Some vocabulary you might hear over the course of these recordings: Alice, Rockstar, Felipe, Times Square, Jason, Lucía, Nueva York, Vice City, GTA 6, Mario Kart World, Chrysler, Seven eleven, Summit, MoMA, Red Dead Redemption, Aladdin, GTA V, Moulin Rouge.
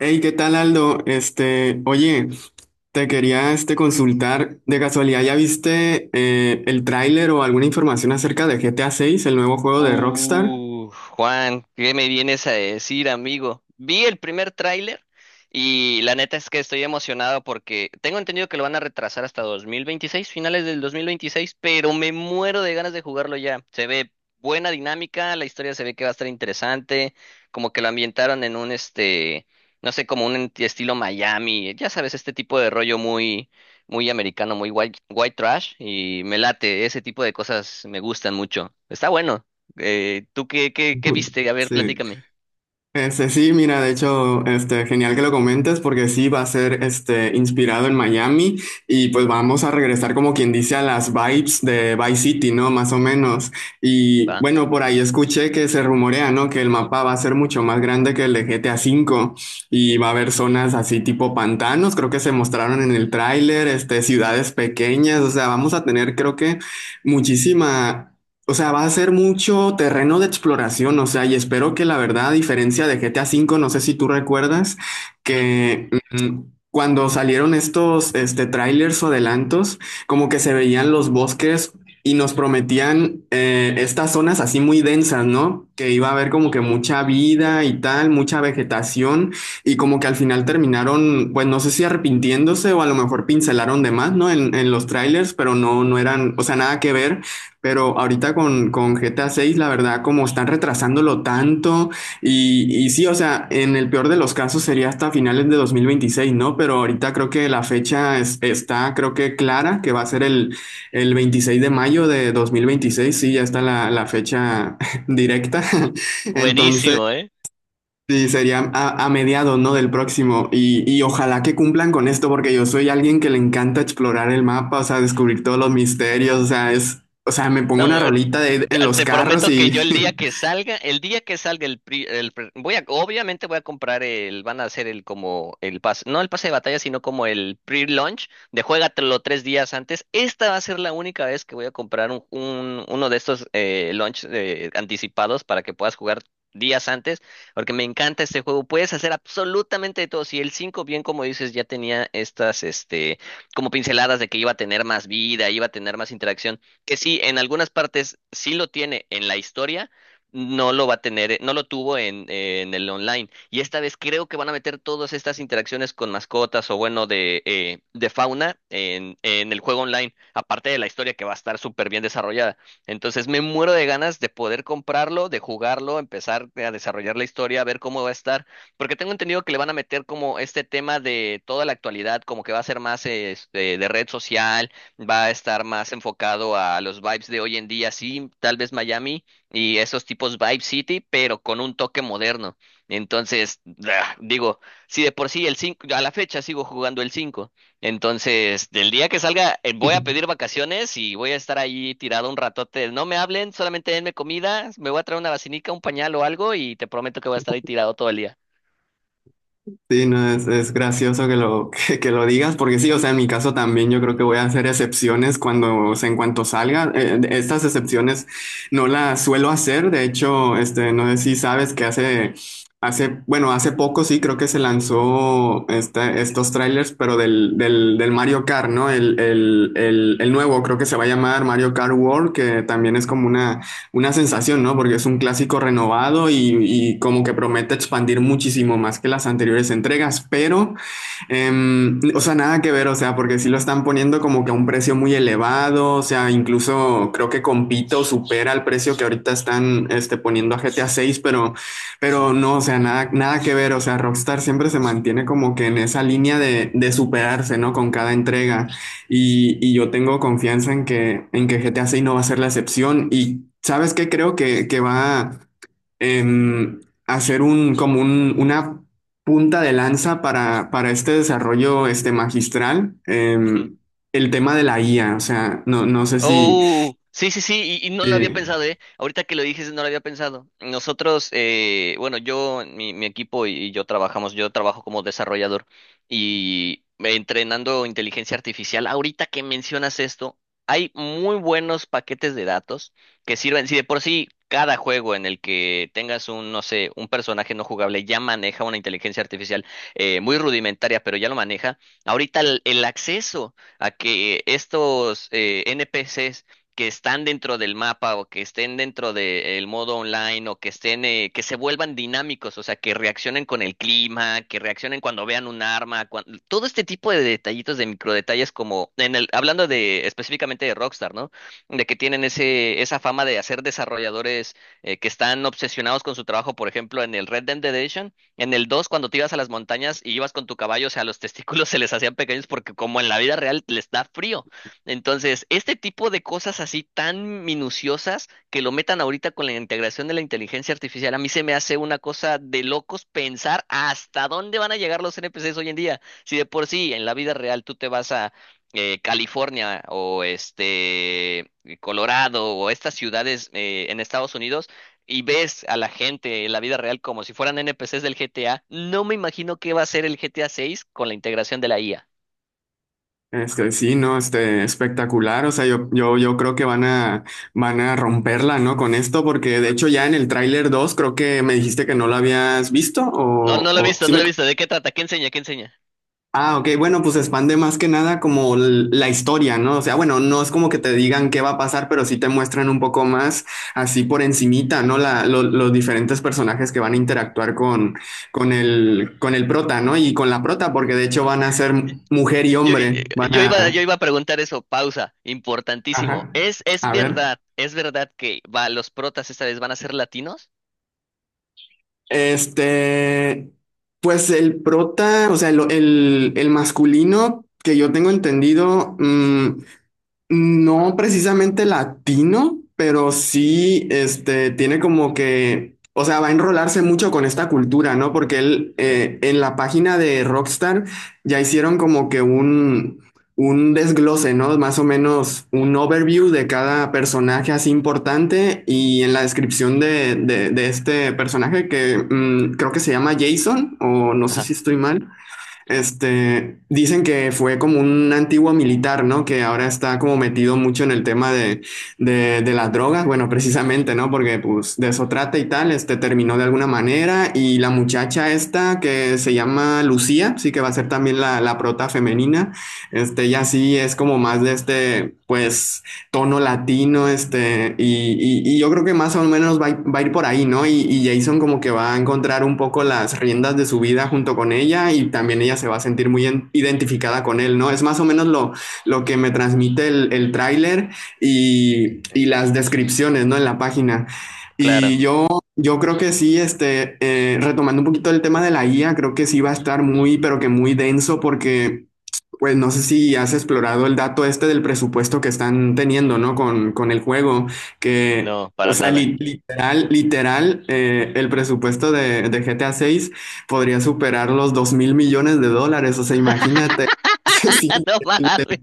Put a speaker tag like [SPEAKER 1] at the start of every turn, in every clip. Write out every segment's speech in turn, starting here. [SPEAKER 1] Hey, ¿qué tal, Aldo? Oye, te quería consultar. De casualidad, ¿ya viste el tráiler o alguna información acerca de GTA 6, el nuevo juego de Rockstar?
[SPEAKER 2] Uh, Juan, ¿qué me vienes a decir, amigo? Vi el primer tráiler y la neta es que estoy emocionado porque tengo entendido que lo van a retrasar hasta 2026, finales del 2026, pero me muero de ganas de jugarlo ya. Se ve buena dinámica, la historia se ve que va a estar interesante, como que lo ambientaron en un no sé, como un estilo Miami, ya sabes, este tipo de rollo muy muy americano, muy white, white trash y me late, ese tipo de cosas me gustan mucho. Está bueno. ¿Tú qué viste? A ver,
[SPEAKER 1] Sí.
[SPEAKER 2] platícame.
[SPEAKER 1] Sí, mira, de hecho, genial que lo comentes porque sí va a ser inspirado en Miami y pues vamos a regresar, como quien dice, a las vibes de Vice City, ¿no? Más o menos. Y
[SPEAKER 2] Va.
[SPEAKER 1] bueno, por ahí escuché que se rumorea, ¿no? Que el mapa va a ser mucho más grande que el de GTA V, y va a haber zonas así tipo pantanos, creo que se mostraron en el tráiler, ciudades pequeñas, o sea, vamos a tener, creo que muchísima, o sea, va a ser mucho terreno de exploración, o sea, y espero que, la verdad, a diferencia de GTA V, no sé si tú recuerdas,
[SPEAKER 2] Ujú.
[SPEAKER 1] que mm, cuando salieron estos trailers o adelantos, como que se veían los bosques y nos prometían estas zonas así muy densas, ¿no? Que iba a haber como que mucha vida y tal, mucha vegetación, y como que al final terminaron, pues no sé si arrepintiéndose o a lo mejor pincelaron de más, ¿no? En los trailers, pero no, no eran, o sea, nada que ver. Pero ahorita con GTA 6, la verdad, como están retrasándolo tanto, y sí, o sea, en el peor de los casos sería hasta finales de 2026, ¿no? Pero ahorita creo que está, creo, que clara, que va a ser el 26 de mayo de 2026, sí, ya está la fecha directa. Entonces,
[SPEAKER 2] Buenísimo, ¿eh?
[SPEAKER 1] sí, sería a mediados, ¿no? Del próximo. Y ojalá que cumplan con esto, porque yo soy alguien que le encanta explorar el mapa, o sea, descubrir todos los misterios, o sea, es, o sea, me pongo
[SPEAKER 2] No,
[SPEAKER 1] una
[SPEAKER 2] Te
[SPEAKER 1] en los
[SPEAKER 2] te
[SPEAKER 1] carros
[SPEAKER 2] prometo que
[SPEAKER 1] y...
[SPEAKER 2] yo el día que salga, el día que salga el, pri- el pre- obviamente voy a comprar el, van a hacer el como el pase, no el pase de batalla, sino como el pre-launch de juégatelo 3 días antes. Esta va a ser la única vez que voy a comprar uno de estos launch anticipados para que puedas jugar días antes, porque me encanta este juego. Puedes hacer absolutamente de todo. Si el 5 bien como dices, ya tenía estas, como pinceladas de que iba a tener más vida, iba a tener más interacción que sí, en algunas partes sí lo tiene en la historia, no lo va a tener, no lo tuvo en el online. Y esta vez creo que van a meter todas estas interacciones con mascotas o bueno, de fauna en el juego online, aparte de la historia que va a estar súper bien desarrollada. Entonces me muero de ganas de poder comprarlo, de jugarlo, empezar a desarrollar la historia, a ver cómo va a estar, porque tengo entendido que le van a meter como este tema de toda la actualidad, como que va a ser más de red social, va a estar más enfocado a los vibes de hoy en día, sí, tal vez Miami y esos tipos Vibe City, pero con un toque moderno. Entonces, digo, si de por sí el cinco, a la fecha sigo jugando el 5, entonces del día que salga voy a pedir vacaciones y voy a estar ahí tirado un ratote. No me hablen, solamente denme comida, me voy a traer una vacinica, un pañal o algo y te prometo que voy a estar ahí tirado todo el día.
[SPEAKER 1] Sí, no, es gracioso que lo, que lo digas, porque sí, o sea, en mi caso también yo creo que voy a hacer excepciones cuando, o sea, en cuanto salga. Estas excepciones no las suelo hacer, de hecho, no sé si sabes que hace, hace, bueno, hace poco sí creo que se lanzó estos trailers, pero del Mario Kart, ¿no? El nuevo, creo que se va a llamar Mario Kart World, que también es como una sensación, ¿no? Porque es un clásico renovado y como que promete expandir muchísimo más que las anteriores entregas, pero o sea, nada que ver, o sea, porque sí lo están poniendo como que a un precio muy elevado, o sea, incluso creo que compito supera el precio que ahorita están poniendo a GTA 6, pero
[SPEAKER 2] Ajá.
[SPEAKER 1] no, o sea, nada, nada que ver, o sea, Rockstar siempre se mantiene como que en esa línea de superarse, ¿no? Con cada entrega. Y yo tengo confianza en que GTA 6 no va a ser la excepción. Y ¿sabes qué? Creo que va em, hacer un, como una punta de lanza para este desarrollo magistral, el tema de la IA, o sea, no sé si,
[SPEAKER 2] Oh, sí, sí, sí, y no lo había
[SPEAKER 1] si,
[SPEAKER 2] pensado, ¿eh? Ahorita que lo dices, no lo había pensado. Nosotros, bueno, yo, mi equipo y yo trabajamos, yo trabajo como desarrollador y entrenando inteligencia artificial. Ahorita que mencionas esto, hay muy buenos paquetes de datos que sirven. Si de por sí cada juego en el que tengas un, no sé, un personaje no jugable ya maneja una inteligencia artificial muy rudimentaria, pero ya lo maneja. Ahorita el acceso a que estos NPCs que están dentro del mapa o que estén dentro del modo online o que estén, que se vuelvan dinámicos, o sea, que reaccionen con el clima, que reaccionen cuando vean un arma, todo este tipo de detallitos, de microdetalles como en el, hablando de específicamente de Rockstar, ¿no? De que tienen ese, esa fama de hacer desarrolladores que están obsesionados con su trabajo. Por ejemplo, en el Red Dead Redemption, en el dos, cuando te ibas a las montañas y ibas con tu caballo, o sea, los testículos se les hacían pequeños porque, como en la vida real, les da frío. Entonces, este tipo de cosas así tan minuciosas que lo metan ahorita con la integración de la inteligencia artificial, a mí se me hace una cosa de locos pensar hasta dónde van a llegar los NPCs hoy en día. Si de por sí en la vida real tú te vas a California o Colorado o estas ciudades en Estados Unidos y ves a la gente en la vida real como si fueran NPCs del GTA, no me imagino qué va a ser el GTA 6 con la integración de la IA.
[SPEAKER 1] sí, ¿no? Espectacular, o sea, yo creo que van a romperla, ¿no? Con esto, porque de hecho ya en el tráiler dos, creo que me dijiste que no lo habías visto,
[SPEAKER 2] No, no lo he
[SPEAKER 1] o
[SPEAKER 2] visto,
[SPEAKER 1] sí
[SPEAKER 2] no
[SPEAKER 1] me...
[SPEAKER 2] lo he visto. ¿De qué trata? ¿Qué enseña? ¿Qué enseña?
[SPEAKER 1] Ah, ok, bueno, pues expande más que nada como la historia, ¿no? O sea, bueno, no es como que te digan qué va a pasar, pero sí te muestran un poco más, así por encimita, ¿no? La, los diferentes personajes que van a interactuar con el prota, ¿no? Y con la prota, porque de hecho van a ser mujer y
[SPEAKER 2] Yo,
[SPEAKER 1] hombre, van
[SPEAKER 2] yo iba, yo
[SPEAKER 1] a...
[SPEAKER 2] iba a preguntar eso, pausa, importantísimo.
[SPEAKER 1] Ajá,
[SPEAKER 2] ¿Es,
[SPEAKER 1] a ver.
[SPEAKER 2] es verdad que va, los protas esta vez van a ser latinos?
[SPEAKER 1] Este, pues el prota, o sea, el, el masculino, que yo tengo entendido, no precisamente latino, pero sí, tiene como que, o sea, va a enrolarse mucho con esta cultura, ¿no? Porque él,
[SPEAKER 2] Ok.
[SPEAKER 1] en la página de Rockstar ya hicieron como que un desglose, ¿no? Más o menos un overview de cada personaje así importante, y en la descripción de este personaje, creo que se llama Jason, o no sé si
[SPEAKER 2] Ajá,
[SPEAKER 1] estoy mal. Dicen que fue como un antiguo militar, ¿no? Que ahora está como metido mucho en el tema de las drogas, bueno, precisamente, ¿no? Porque pues de eso trata y tal, este terminó de alguna manera, y la muchacha esta que se llama Lucía, sí que va a ser también la prota femenina, ya sí es como más de pues tono latino, yo creo que más o menos va, va a ir por ahí, ¿no? Jason como que va a encontrar un poco las riendas de su vida junto con ella, y también ella se va a sentir muy identificada con él, ¿no? Es más o menos lo que me transmite el tráiler y las descripciones, ¿no? En la página. Y
[SPEAKER 2] claro,
[SPEAKER 1] yo, yo creo que sí, retomando un poquito el tema de la IA, creo que sí va a estar muy, pero que muy denso, porque pues no sé si has explorado el dato este del presupuesto que están teniendo, ¿no? Con el juego, que,
[SPEAKER 2] no,
[SPEAKER 1] o
[SPEAKER 2] para
[SPEAKER 1] sea,
[SPEAKER 2] nada.
[SPEAKER 1] literal, literal, el presupuesto de GTA 6 podría superar los $2.000.000.000, o sea, imagínate. Sí,
[SPEAKER 2] No mames.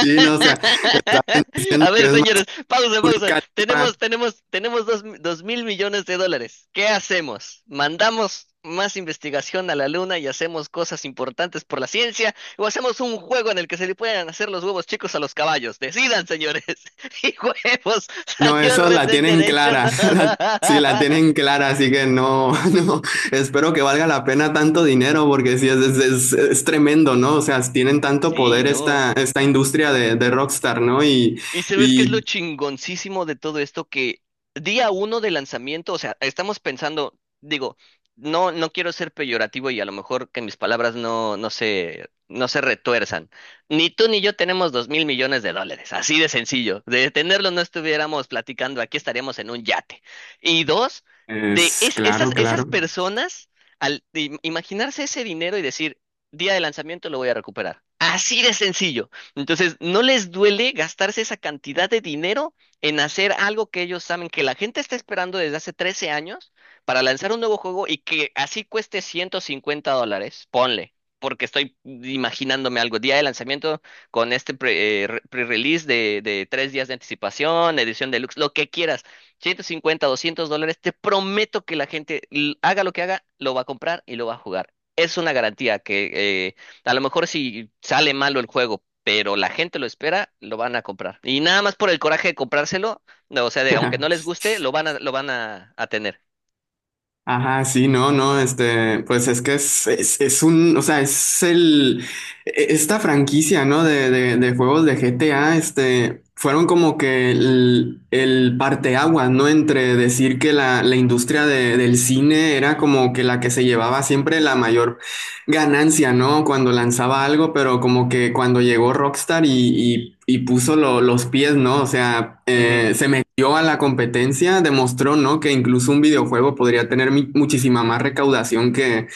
[SPEAKER 1] sí, no, o sea, está diciendo
[SPEAKER 2] A
[SPEAKER 1] que
[SPEAKER 2] ver,
[SPEAKER 1] es más
[SPEAKER 2] señores, pausa,
[SPEAKER 1] Burj...
[SPEAKER 2] pausa. Tenemos dos mil millones de dólares. ¿Qué hacemos? ¿Mandamos más investigación a la luna y hacemos cosas importantes por la ciencia? ¿O hacemos un juego en el que se le puedan hacer los huevos chicos a los caballos? Decidan, señores. Y huevos,
[SPEAKER 1] No,
[SPEAKER 2] salió
[SPEAKER 1] esos
[SPEAKER 2] Red
[SPEAKER 1] la
[SPEAKER 2] Dead
[SPEAKER 1] tienen
[SPEAKER 2] Redemption.
[SPEAKER 1] clara. Sí, la tienen clara, así que no, no. Espero que valga la pena tanto dinero, porque sí, es, es tremendo, ¿no? O sea, tienen tanto
[SPEAKER 2] Sí,
[SPEAKER 1] poder
[SPEAKER 2] no.
[SPEAKER 1] esta, esta industria de Rockstar, ¿no?
[SPEAKER 2] ¿Y sabes qué es
[SPEAKER 1] Y
[SPEAKER 2] lo chingoncísimo de todo esto? Que día uno de lanzamiento, o sea, estamos pensando, digo, no, no quiero ser peyorativo y a lo mejor que mis palabras no, no se retuerzan. Ni tú ni yo tenemos 2000 millones de dólares, así de sencillo. De tenerlo, no estuviéramos platicando, aquí estaríamos en un yate. Y dos, de
[SPEAKER 1] es claro,
[SPEAKER 2] esas, esas
[SPEAKER 1] claro.
[SPEAKER 2] personas, al imaginarse ese dinero y decir, día de lanzamiento lo voy a recuperar. Así de sencillo. Entonces, no les duele gastarse esa cantidad de dinero en hacer algo que ellos saben que la gente está esperando desde hace 13 años, para lanzar un nuevo juego y que así cueste $150. Ponle, porque estoy imaginándome algo. Día de lanzamiento con este pre-release de, 3 días de anticipación, edición deluxe, lo que quieras. 150, $200. Te prometo que la gente, haga lo que haga, lo va a comprar y lo va a jugar. Es una garantía que, eh, a lo mejor si sale malo el juego, pero la gente lo espera, lo van a comprar. Y nada más por el coraje de comprárselo, no, o sea, de, aunque no les guste, lo van a, a tener.
[SPEAKER 1] Ajá, sí, no, no, pues es que es un, o sea, es el, esta franquicia, ¿no? De juegos de GTA, fueron como que el parteaguas, ¿no? Entre decir que la industria del cine era como que la que se llevaba siempre la mayor ganancia, ¿no? Cuando lanzaba algo, pero como que cuando llegó Rockstar y, y puso los pies, ¿no? O sea,
[SPEAKER 2] Ujú,
[SPEAKER 1] se metió a la competencia, demostró, ¿no? Que incluso un videojuego podría tener muchísima más recaudación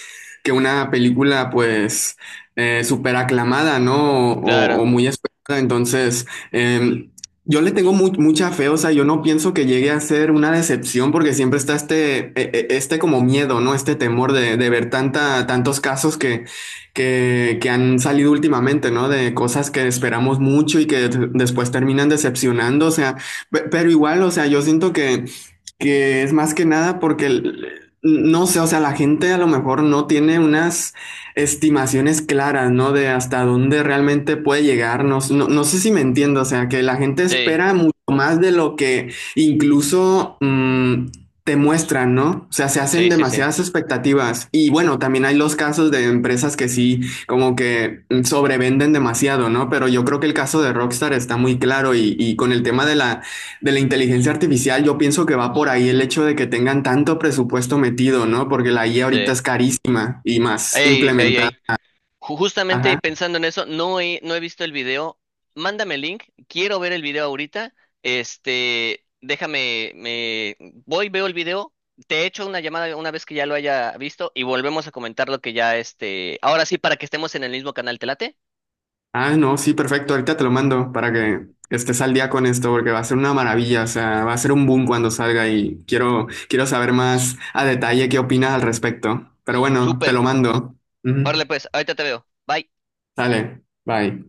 [SPEAKER 1] que una película, pues, súper aclamada, ¿no? O, o
[SPEAKER 2] claro,
[SPEAKER 1] muy esperada. Entonces, eh, yo le tengo mucha fe, o sea, yo no pienso que llegue a ser una decepción, porque siempre está este como miedo, ¿no? Este temor de ver tanta, tantos casos que han salido últimamente, ¿no? De cosas que esperamos mucho y que después terminan decepcionando, o sea, pero igual, o sea, yo siento que es más que nada porque, no sé, o sea, la gente a lo mejor no tiene unas estimaciones claras, ¿no? De hasta dónde realmente puede llegar. No, no sé si me entiendo, o sea, que la gente
[SPEAKER 2] sí,
[SPEAKER 1] espera mucho más de lo que incluso te muestran, ¿no? O sea, se hacen
[SPEAKER 2] sí, sí, sí,
[SPEAKER 1] demasiadas expectativas. Y bueno, también hay los casos de empresas que sí, como que sobrevenden demasiado, ¿no? Pero yo creo que el caso de Rockstar está muy claro, y con el tema de la inteligencia artificial, yo pienso que va por ahí el hecho de que tengan tanto presupuesto metido, ¿no? Porque la IA ahorita
[SPEAKER 2] sí.
[SPEAKER 1] es carísima, y más
[SPEAKER 2] Ey, ey,
[SPEAKER 1] implementada.
[SPEAKER 2] ey. Justamente
[SPEAKER 1] Ajá.
[SPEAKER 2] pensando en eso, no he visto el video. Mándame el link. Quiero ver el video ahorita. Déjame, me voy, veo el video. Te echo una llamada una vez que ya lo haya visto y volvemos a comentar lo que ya este. Ahora sí, para que estemos en el mismo canal, ¿te late?
[SPEAKER 1] Ah, no, sí, perfecto. Ahorita te lo mando para que estés al día con esto, porque va a ser una maravilla. O sea, va a ser un boom cuando salga, y quiero, quiero saber más a detalle qué opinas al respecto. Pero bueno, te
[SPEAKER 2] Súper.
[SPEAKER 1] lo mando. Ujú.
[SPEAKER 2] Órale, pues, ahorita te veo. Bye.
[SPEAKER 1] Sale. Bye.